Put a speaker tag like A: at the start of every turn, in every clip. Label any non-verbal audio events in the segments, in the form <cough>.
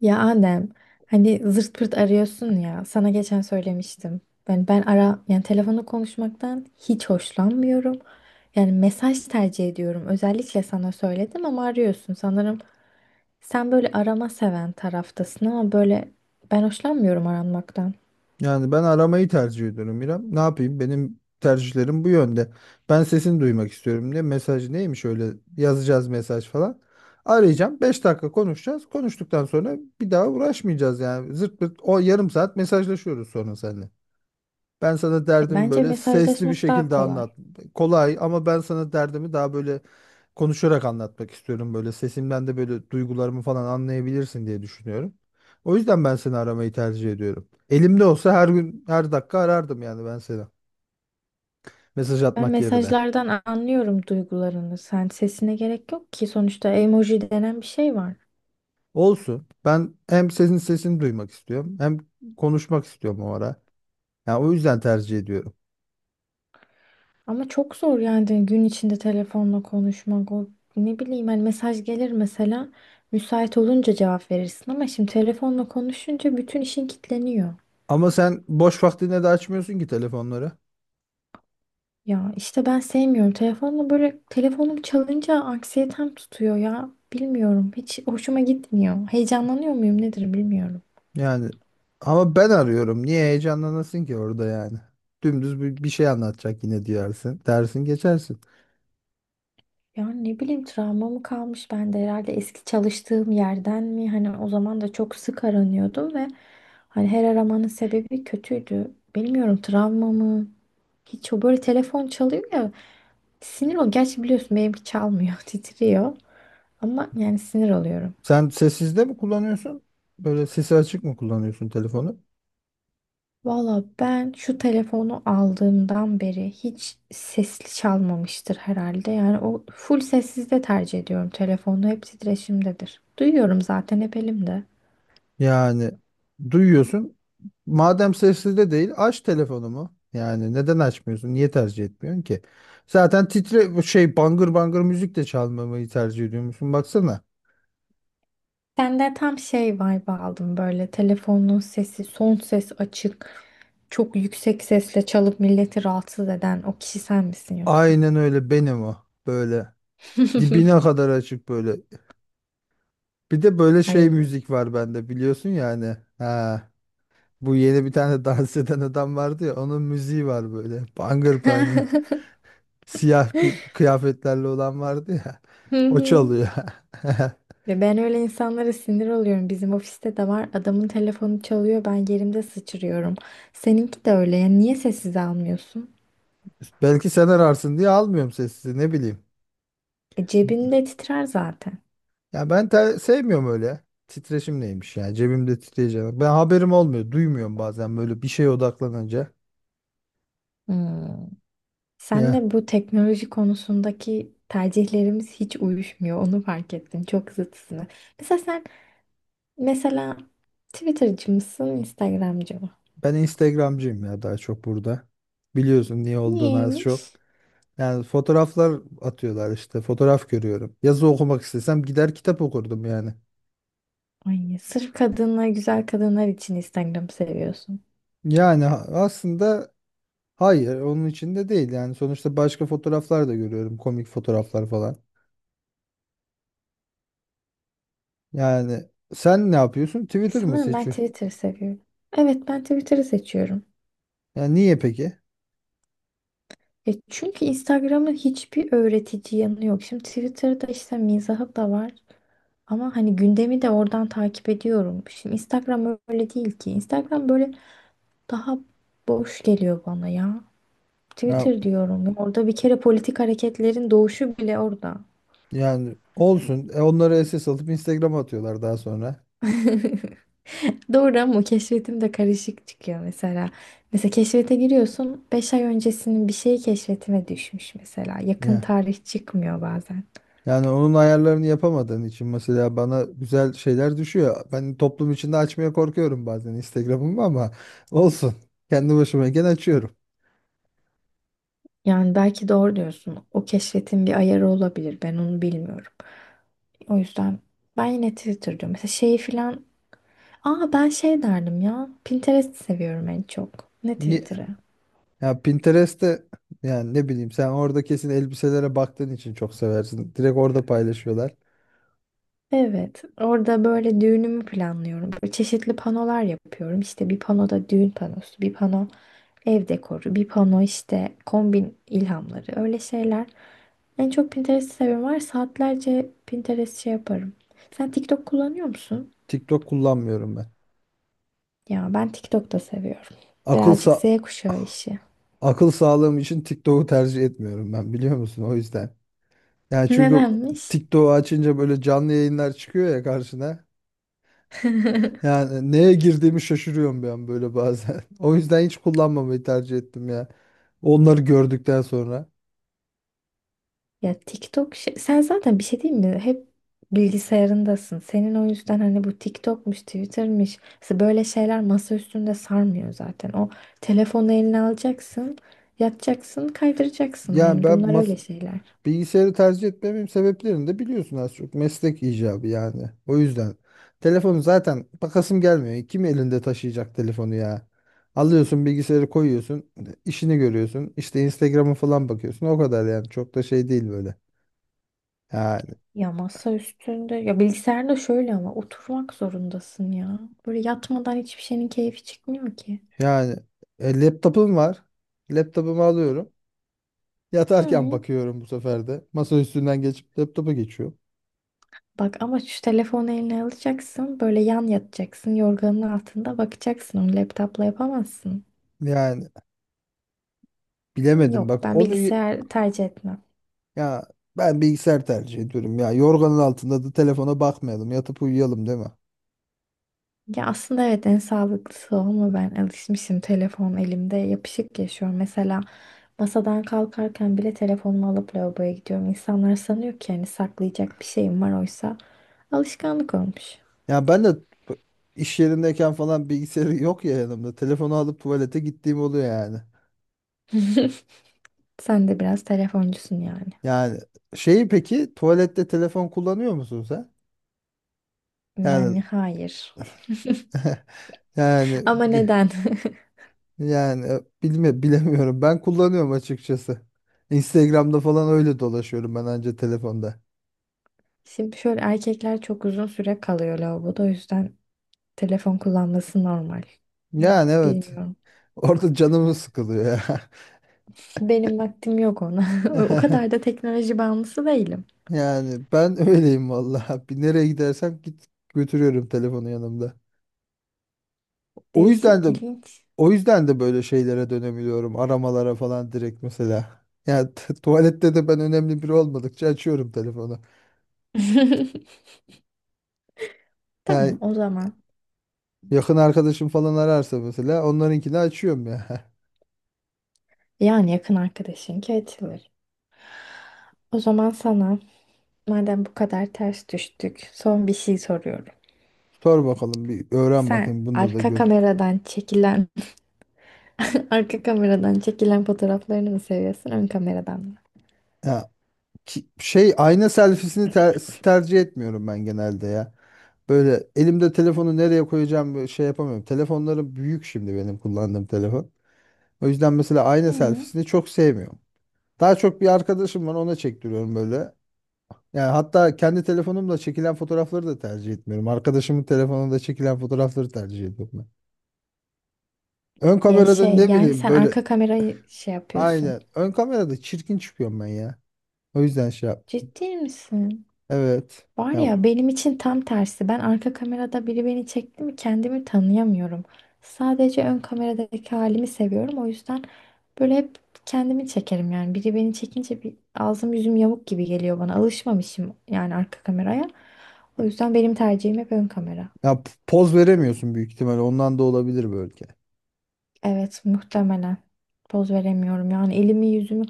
A: Ya Adem, hani zırt pırt arıyorsun ya. Sana geçen söylemiştim. Ben ara yani telefonda konuşmaktan hiç hoşlanmıyorum. Yani mesaj tercih ediyorum. Özellikle sana söyledim ama arıyorsun. Sanırım sen böyle arama seven taraftasın ama böyle ben hoşlanmıyorum aranmaktan.
B: Yani ben aramayı tercih ediyorum İrem. Ne yapayım? Benim tercihlerim bu yönde. Ben sesini duymak istiyorum diye mesaj neymiş öyle yazacağız mesaj falan. Arayacağım. 5 dakika konuşacağız. Konuştuktan sonra bir daha uğraşmayacağız yani. Zırt pırt o yarım saat mesajlaşıyoruz sonra seninle. Ben sana
A: E,
B: derdimi
A: Bence
B: böyle sesli bir
A: mesajlaşmak daha
B: şekilde
A: kolay.
B: anlat. Kolay ama ben sana derdimi daha böyle konuşarak anlatmak istiyorum. Böyle sesimden de böyle duygularımı falan anlayabilirsin diye düşünüyorum. O yüzden ben seni aramayı tercih ediyorum. Elimde olsa her gün her dakika arardım yani ben seni. Mesaj
A: Ben
B: atmak yerine.
A: mesajlardan anlıyorum duygularını. Sen sesine gerek yok ki sonuçta emoji denen bir şey var.
B: Olsun. Ben hem senin sesini duymak istiyorum hem konuşmak istiyorum o ara. Yani o yüzden tercih ediyorum.
A: Ama çok zor yani gün içinde telefonla konuşmak. O ne bileyim hani mesaj gelir mesela müsait olunca cevap verirsin ama şimdi telefonla konuşunca bütün işin kilitleniyor.
B: Ama sen boş vaktinde de açmıyorsun ki telefonları.
A: Ya işte ben sevmiyorum. Telefonla böyle telefonum çalınca anksiyetem tutuyor ya. Bilmiyorum. Hiç hoşuma gitmiyor. Heyecanlanıyor muyum nedir bilmiyorum.
B: Yani ama ben arıyorum. Niye heyecanlanasın ki orada yani? Dümdüz bir şey anlatacak yine diyersin. Dersin geçersin.
A: Ya ne bileyim travma mı kalmış bende herhalde eski çalıştığım yerden mi? Hani o zaman da çok sık aranıyordum ve hani her aramanın sebebi kötüydü. Bilmiyorum, travma mı? Hiç o böyle telefon çalıyor ya, sinir ol. Gerçi biliyorsun benimki çalmıyor <laughs> titriyor ama yani sinir oluyorum.
B: Sen sessizde mi kullanıyorsun? Böyle sesi açık mı kullanıyorsun telefonu?
A: Valla ben şu telefonu aldığımdan beri hiç sesli çalmamıştır herhalde. Yani o full sessizde tercih ediyorum telefonu. Hep titreşimdedir. Duyuyorum zaten hep elimde.
B: Yani duyuyorsun. Madem sessizde değil aç telefonumu. Yani neden açmıyorsun? Niye tercih etmiyorsun ki? Zaten titre bu şey bangır bangır müzik de çalmamayı tercih ediyormuşsun. Baksana.
A: Sende tam şey vibe aldım, böyle telefonun sesi son ses açık, çok yüksek sesle çalıp milleti rahatsız eden o kişi sen misin yoksa?
B: Aynen öyle benim o. Böyle
A: <laughs>
B: dibine kadar açık böyle. Bir de böyle şey
A: Ay.
B: müzik var bende biliyorsun yani. Ha, bu yeni bir tane <laughs> dans eden adam vardı ya onun müziği var böyle. Bangır bangır.
A: <laughs>
B: Siyah bir kıyafetlerle olan vardı ya.
A: Hı
B: O
A: hı.
B: çalıyor. <laughs>
A: Ve ben öyle insanlara sinir oluyorum. Bizim ofiste de var. Adamın telefonu çalıyor. Ben yerimde sıçrıyorum. Seninki de öyle. Yani niye sessiz almıyorsun?
B: Belki sen ararsın diye almıyorum sessize ne bileyim.
A: Cebinde titrer zaten.
B: Ya sevmiyorum öyle. Titreşim neymiş ya cebimde titreyeceğim. Ben haberim olmuyor duymuyorum bazen böyle bir şeye odaklanınca.
A: Hmm.
B: Ya
A: Senle bu teknoloji konusundaki tercihlerimiz hiç uyuşmuyor. Onu fark ettim. Çok zıtsını. Mesela sen mesela Twitter'cı mısın, Instagram'cı mı?
B: ben Instagramcıyım ya daha çok burada. Biliyorsun niye olduğunu az çok.
A: Niyeymiş?
B: Yani fotoğraflar atıyorlar işte. Fotoğraf görüyorum. Yazı okumak istesem gider kitap okurdum yani.
A: Ay, sırf kadınlar, güzel kadınlar için Instagram'ı seviyorsun.
B: Aslında hayır onun içinde değil yani. Sonuçta başka fotoğraflar da görüyorum. Komik fotoğraflar falan. Yani sen ne yapıyorsun? Twitter mı
A: Sanırım ben
B: seçiyorsun?
A: Twitter'ı seviyorum. Evet, ben Twitter'ı seçiyorum.
B: Yani niye peki?
A: Çünkü Instagram'ın hiçbir öğretici yanı yok. Şimdi Twitter'da işte mizahı da var. Ama hani gündemi de oradan takip ediyorum. Şimdi Instagram öyle değil ki. Instagram böyle daha boş geliyor bana ya.
B: Ya,
A: Twitter diyorum ya. Orada bir kere politik hareketlerin doğuşu bile orada.
B: yani olsun. E, onları esas alıp Instagram'a atıyorlar daha sonra.
A: <laughs> Doğru, ama keşfetim de karışık çıkıyor mesela. Mesela keşfete giriyorsun. 5 ay öncesinin bir şeyi keşfetime düşmüş mesela. Yakın tarih çıkmıyor bazen.
B: Yani onun ayarlarını yapamadığın için mesela bana güzel şeyler düşüyor. Ben toplum içinde açmaya korkuyorum bazen Instagram'ımı ama olsun. Kendi başıma gene açıyorum.
A: Yani belki doğru diyorsun. O keşfetin bir ayarı olabilir. Ben onu bilmiyorum. O yüzden ben yine Twitter diyorum. Mesela şeyi filan. Aa, ben şey derdim ya. Pinterest seviyorum en çok. Ne
B: Ni-
A: Twitter'ı?
B: Ya Pinterest'te yani ne bileyim sen orada kesin elbiselere baktığın için çok seversin. Direkt orada paylaşıyorlar.
A: Evet, orada böyle düğünümü planlıyorum. Böyle çeşitli panolar yapıyorum. İşte bir panoda düğün panosu, bir pano ev dekoru, bir pano işte kombin ilhamları, öyle şeyler. En çok Pinterest'i seviyorum var ya, saatlerce Pinterest şey yaparım. Sen TikTok kullanıyor musun?
B: TikTok kullanmıyorum ben.
A: Ya ben TikTok da seviyorum.
B: Akıl
A: Birazcık Z
B: sa
A: kuşağı işi.
B: Akıl sağlığım için TikTok'u tercih etmiyorum ben biliyor musun? O yüzden. Yani
A: <laughs>
B: çünkü
A: Nedenmiş?
B: TikTok'u açınca böyle canlı yayınlar çıkıyor ya karşına. Yani neye girdiğimi şaşırıyorum bir an böyle bazen. <laughs> O yüzden hiç kullanmamayı tercih ettim ya. Onları gördükten sonra.
A: Ya TikTok şey, sen zaten bir şey değil mi? Hep bilgisayarındasın. Senin o yüzden hani bu TikTok'muş, Twitter'mış. Mesela böyle şeyler masa üstünde sarmıyor zaten. O telefonu eline alacaksın, yatacaksın, kaydıracaksın.
B: Yani
A: Yani
B: ben
A: bunlar
B: mas
A: öyle şeyler.
B: bilgisayarı tercih etmemin sebeplerini de biliyorsun az çok. Meslek icabı yani. O yüzden. Telefonu zaten bakasım gelmiyor. Kim elinde taşıyacak telefonu ya? Alıyorsun bilgisayarı koyuyorsun. İşini görüyorsun. İşte Instagram'a falan bakıyorsun. O kadar yani. Çok da şey değil böyle. Ya,
A: Ya masa üstünde, ya bilgisayarda şöyle, ama oturmak zorundasın ya. Böyle yatmadan hiçbir şeyin keyfi çıkmıyor ki.
B: yani e, laptopum var. Laptopumu alıyorum. Yatarken
A: Hı.
B: bakıyorum bu sefer de. Masa üstünden geçip laptopa geçiyorum.
A: Bak ama şu telefonu eline alacaksın, böyle yan yatacaksın, yorganın altında bakacaksın. Onu laptopla yapamazsın.
B: Yani bilemedim
A: Yok,
B: bak
A: ben
B: onu y-
A: bilgisayar tercih etmem.
B: Ya ben bilgisayar tercih ediyorum. Ya yorganın altında da telefona bakmayalım. Yatıp uyuyalım değil mi?
A: Ya aslında evet, en sağlıklısı o ama ben alışmışım, telefon elimde yapışık yaşıyorum. Mesela masadan kalkarken bile telefonumu alıp lavaboya gidiyorum. İnsanlar sanıyor ki hani saklayacak bir şeyim var, oysa alışkanlık olmuş.
B: Ya ben de p- iş yerindeyken falan bilgisayarı yok ya yanımda. Telefonu alıp tuvalete gittiğim oluyor yani.
A: <laughs> Sen de biraz telefoncusun yani.
B: Yani şeyi peki tuvalette telefon kullanıyor musun sen? Yani
A: Yani hayır.
B: <laughs> yani
A: Ama neden?
B: Yani e, bilemiyorum. Ben kullanıyorum açıkçası. Instagram'da falan öyle dolaşıyorum ben anca telefonda.
A: <laughs> Şimdi şöyle, erkekler çok uzun süre kalıyor lavaboda, o yüzden telefon kullanması normal.
B: Yani evet.
A: Bilmiyorum.
B: <laughs> Orada canımı sıkılıyor ya.
A: Benim vaktim yok ona. <laughs> O kadar da
B: <laughs>
A: teknoloji bağımlısı değilim.
B: Yani ben öyleyim vallahi. Bir nereye gidersem git götürüyorum telefonu yanımda. O yüzden
A: Değişik,
B: de
A: ilginç.
B: o yüzden de böyle şeylere dönemiyorum. Aramalara falan direkt mesela. Yani tuvalette de ben önemli biri olmadıkça açıyorum telefonu.
A: <laughs> Tamam,
B: Yani
A: o zaman.
B: yakın arkadaşım falan ararsa mesela onlarınkini açıyorum ya. <laughs>
A: Yani yakın arkadaşınki açılır. O zaman sana, madem bu kadar ters düştük, son bir şey soruyorum.
B: Sor bakalım bir öğren
A: Sen
B: bakayım bunda da
A: arka
B: gör.
A: kameradan çekilen <laughs> arka kameradan çekilen fotoğraflarını mı seviyorsun, ön kameradan mı?
B: Ya ayna selfiesini tercih etmiyorum ben genelde ya. Böyle elimde telefonu nereye koyacağım böyle şey yapamıyorum. Telefonlarım büyük şimdi benim kullandığım telefon. O yüzden mesela ayna
A: Hı.
B: selfiesini çok sevmiyorum. Daha çok bir arkadaşım var ona çektiriyorum böyle. Yani hatta kendi telefonumla çekilen fotoğrafları da tercih etmiyorum. Arkadaşımın telefonunda çekilen fotoğrafları tercih ediyorum ben. Ön
A: Ya
B: kamerada
A: şey,
B: ne
A: yani
B: bileyim
A: sen
B: böyle
A: arka kamerayı şey yapıyorsun.
B: aynen. Ön kamerada çirkin çıkıyorum ben ya. O yüzden şey yap.
A: Ciddi misin?
B: Evet.
A: Var
B: Ya,
A: ya, benim için tam tersi. Ben arka kamerada biri beni çekti mi kendimi tanıyamıyorum. Sadece ön kameradaki halimi seviyorum. O yüzden böyle hep kendimi çekerim yani. Biri beni çekince bir ağzım yüzüm yamuk gibi geliyor bana. Alışmamışım yani arka kameraya. O yüzden benim tercihim hep ön kamera.
B: ya poz veremiyorsun büyük ihtimalle. Ondan da olabilir belki.
A: Evet, muhtemelen poz veremiyorum yani, elimi yüzümü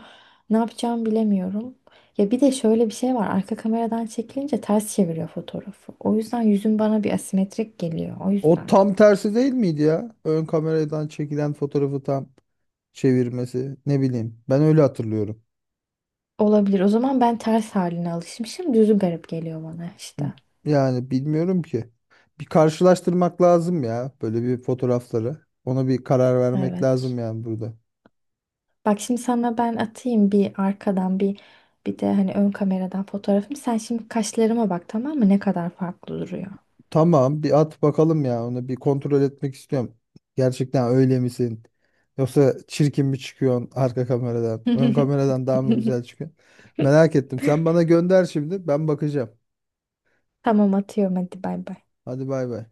A: ne yapacağımı bilemiyorum. Ya bir de şöyle bir şey var, arka kameradan çekilince ters çeviriyor fotoğrafı. O yüzden yüzüm bana bir asimetrik geliyor, o
B: O
A: yüzden.
B: tam tersi değil miydi ya? Ön kameradan çekilen fotoğrafı tam çevirmesi. Ne bileyim. Ben öyle hatırlıyorum.
A: Olabilir, o zaman ben ters haline alışmışım, düzü garip geliyor bana işte.
B: Yani bilmiyorum ki. Bir karşılaştırmak lazım ya böyle bir fotoğrafları. Ona bir karar vermek
A: Evet.
B: lazım yani burada.
A: Bak şimdi sana ben atayım bir arkadan, bir de hani ön kameradan fotoğrafımı. Sen şimdi kaşlarıma bak tamam mı, ne kadar farklı duruyor.
B: Tamam bir at bakalım ya onu bir kontrol etmek istiyorum. Gerçekten öyle misin? Yoksa çirkin mi çıkıyorsun arka kameradan? Ön
A: <laughs>
B: kameradan daha mı güzel çıkıyorsun? Merak ettim. Sen bana gönder şimdi ben bakacağım.
A: Tamam, atıyorum, hadi bay bay.
B: Hadi bay bay.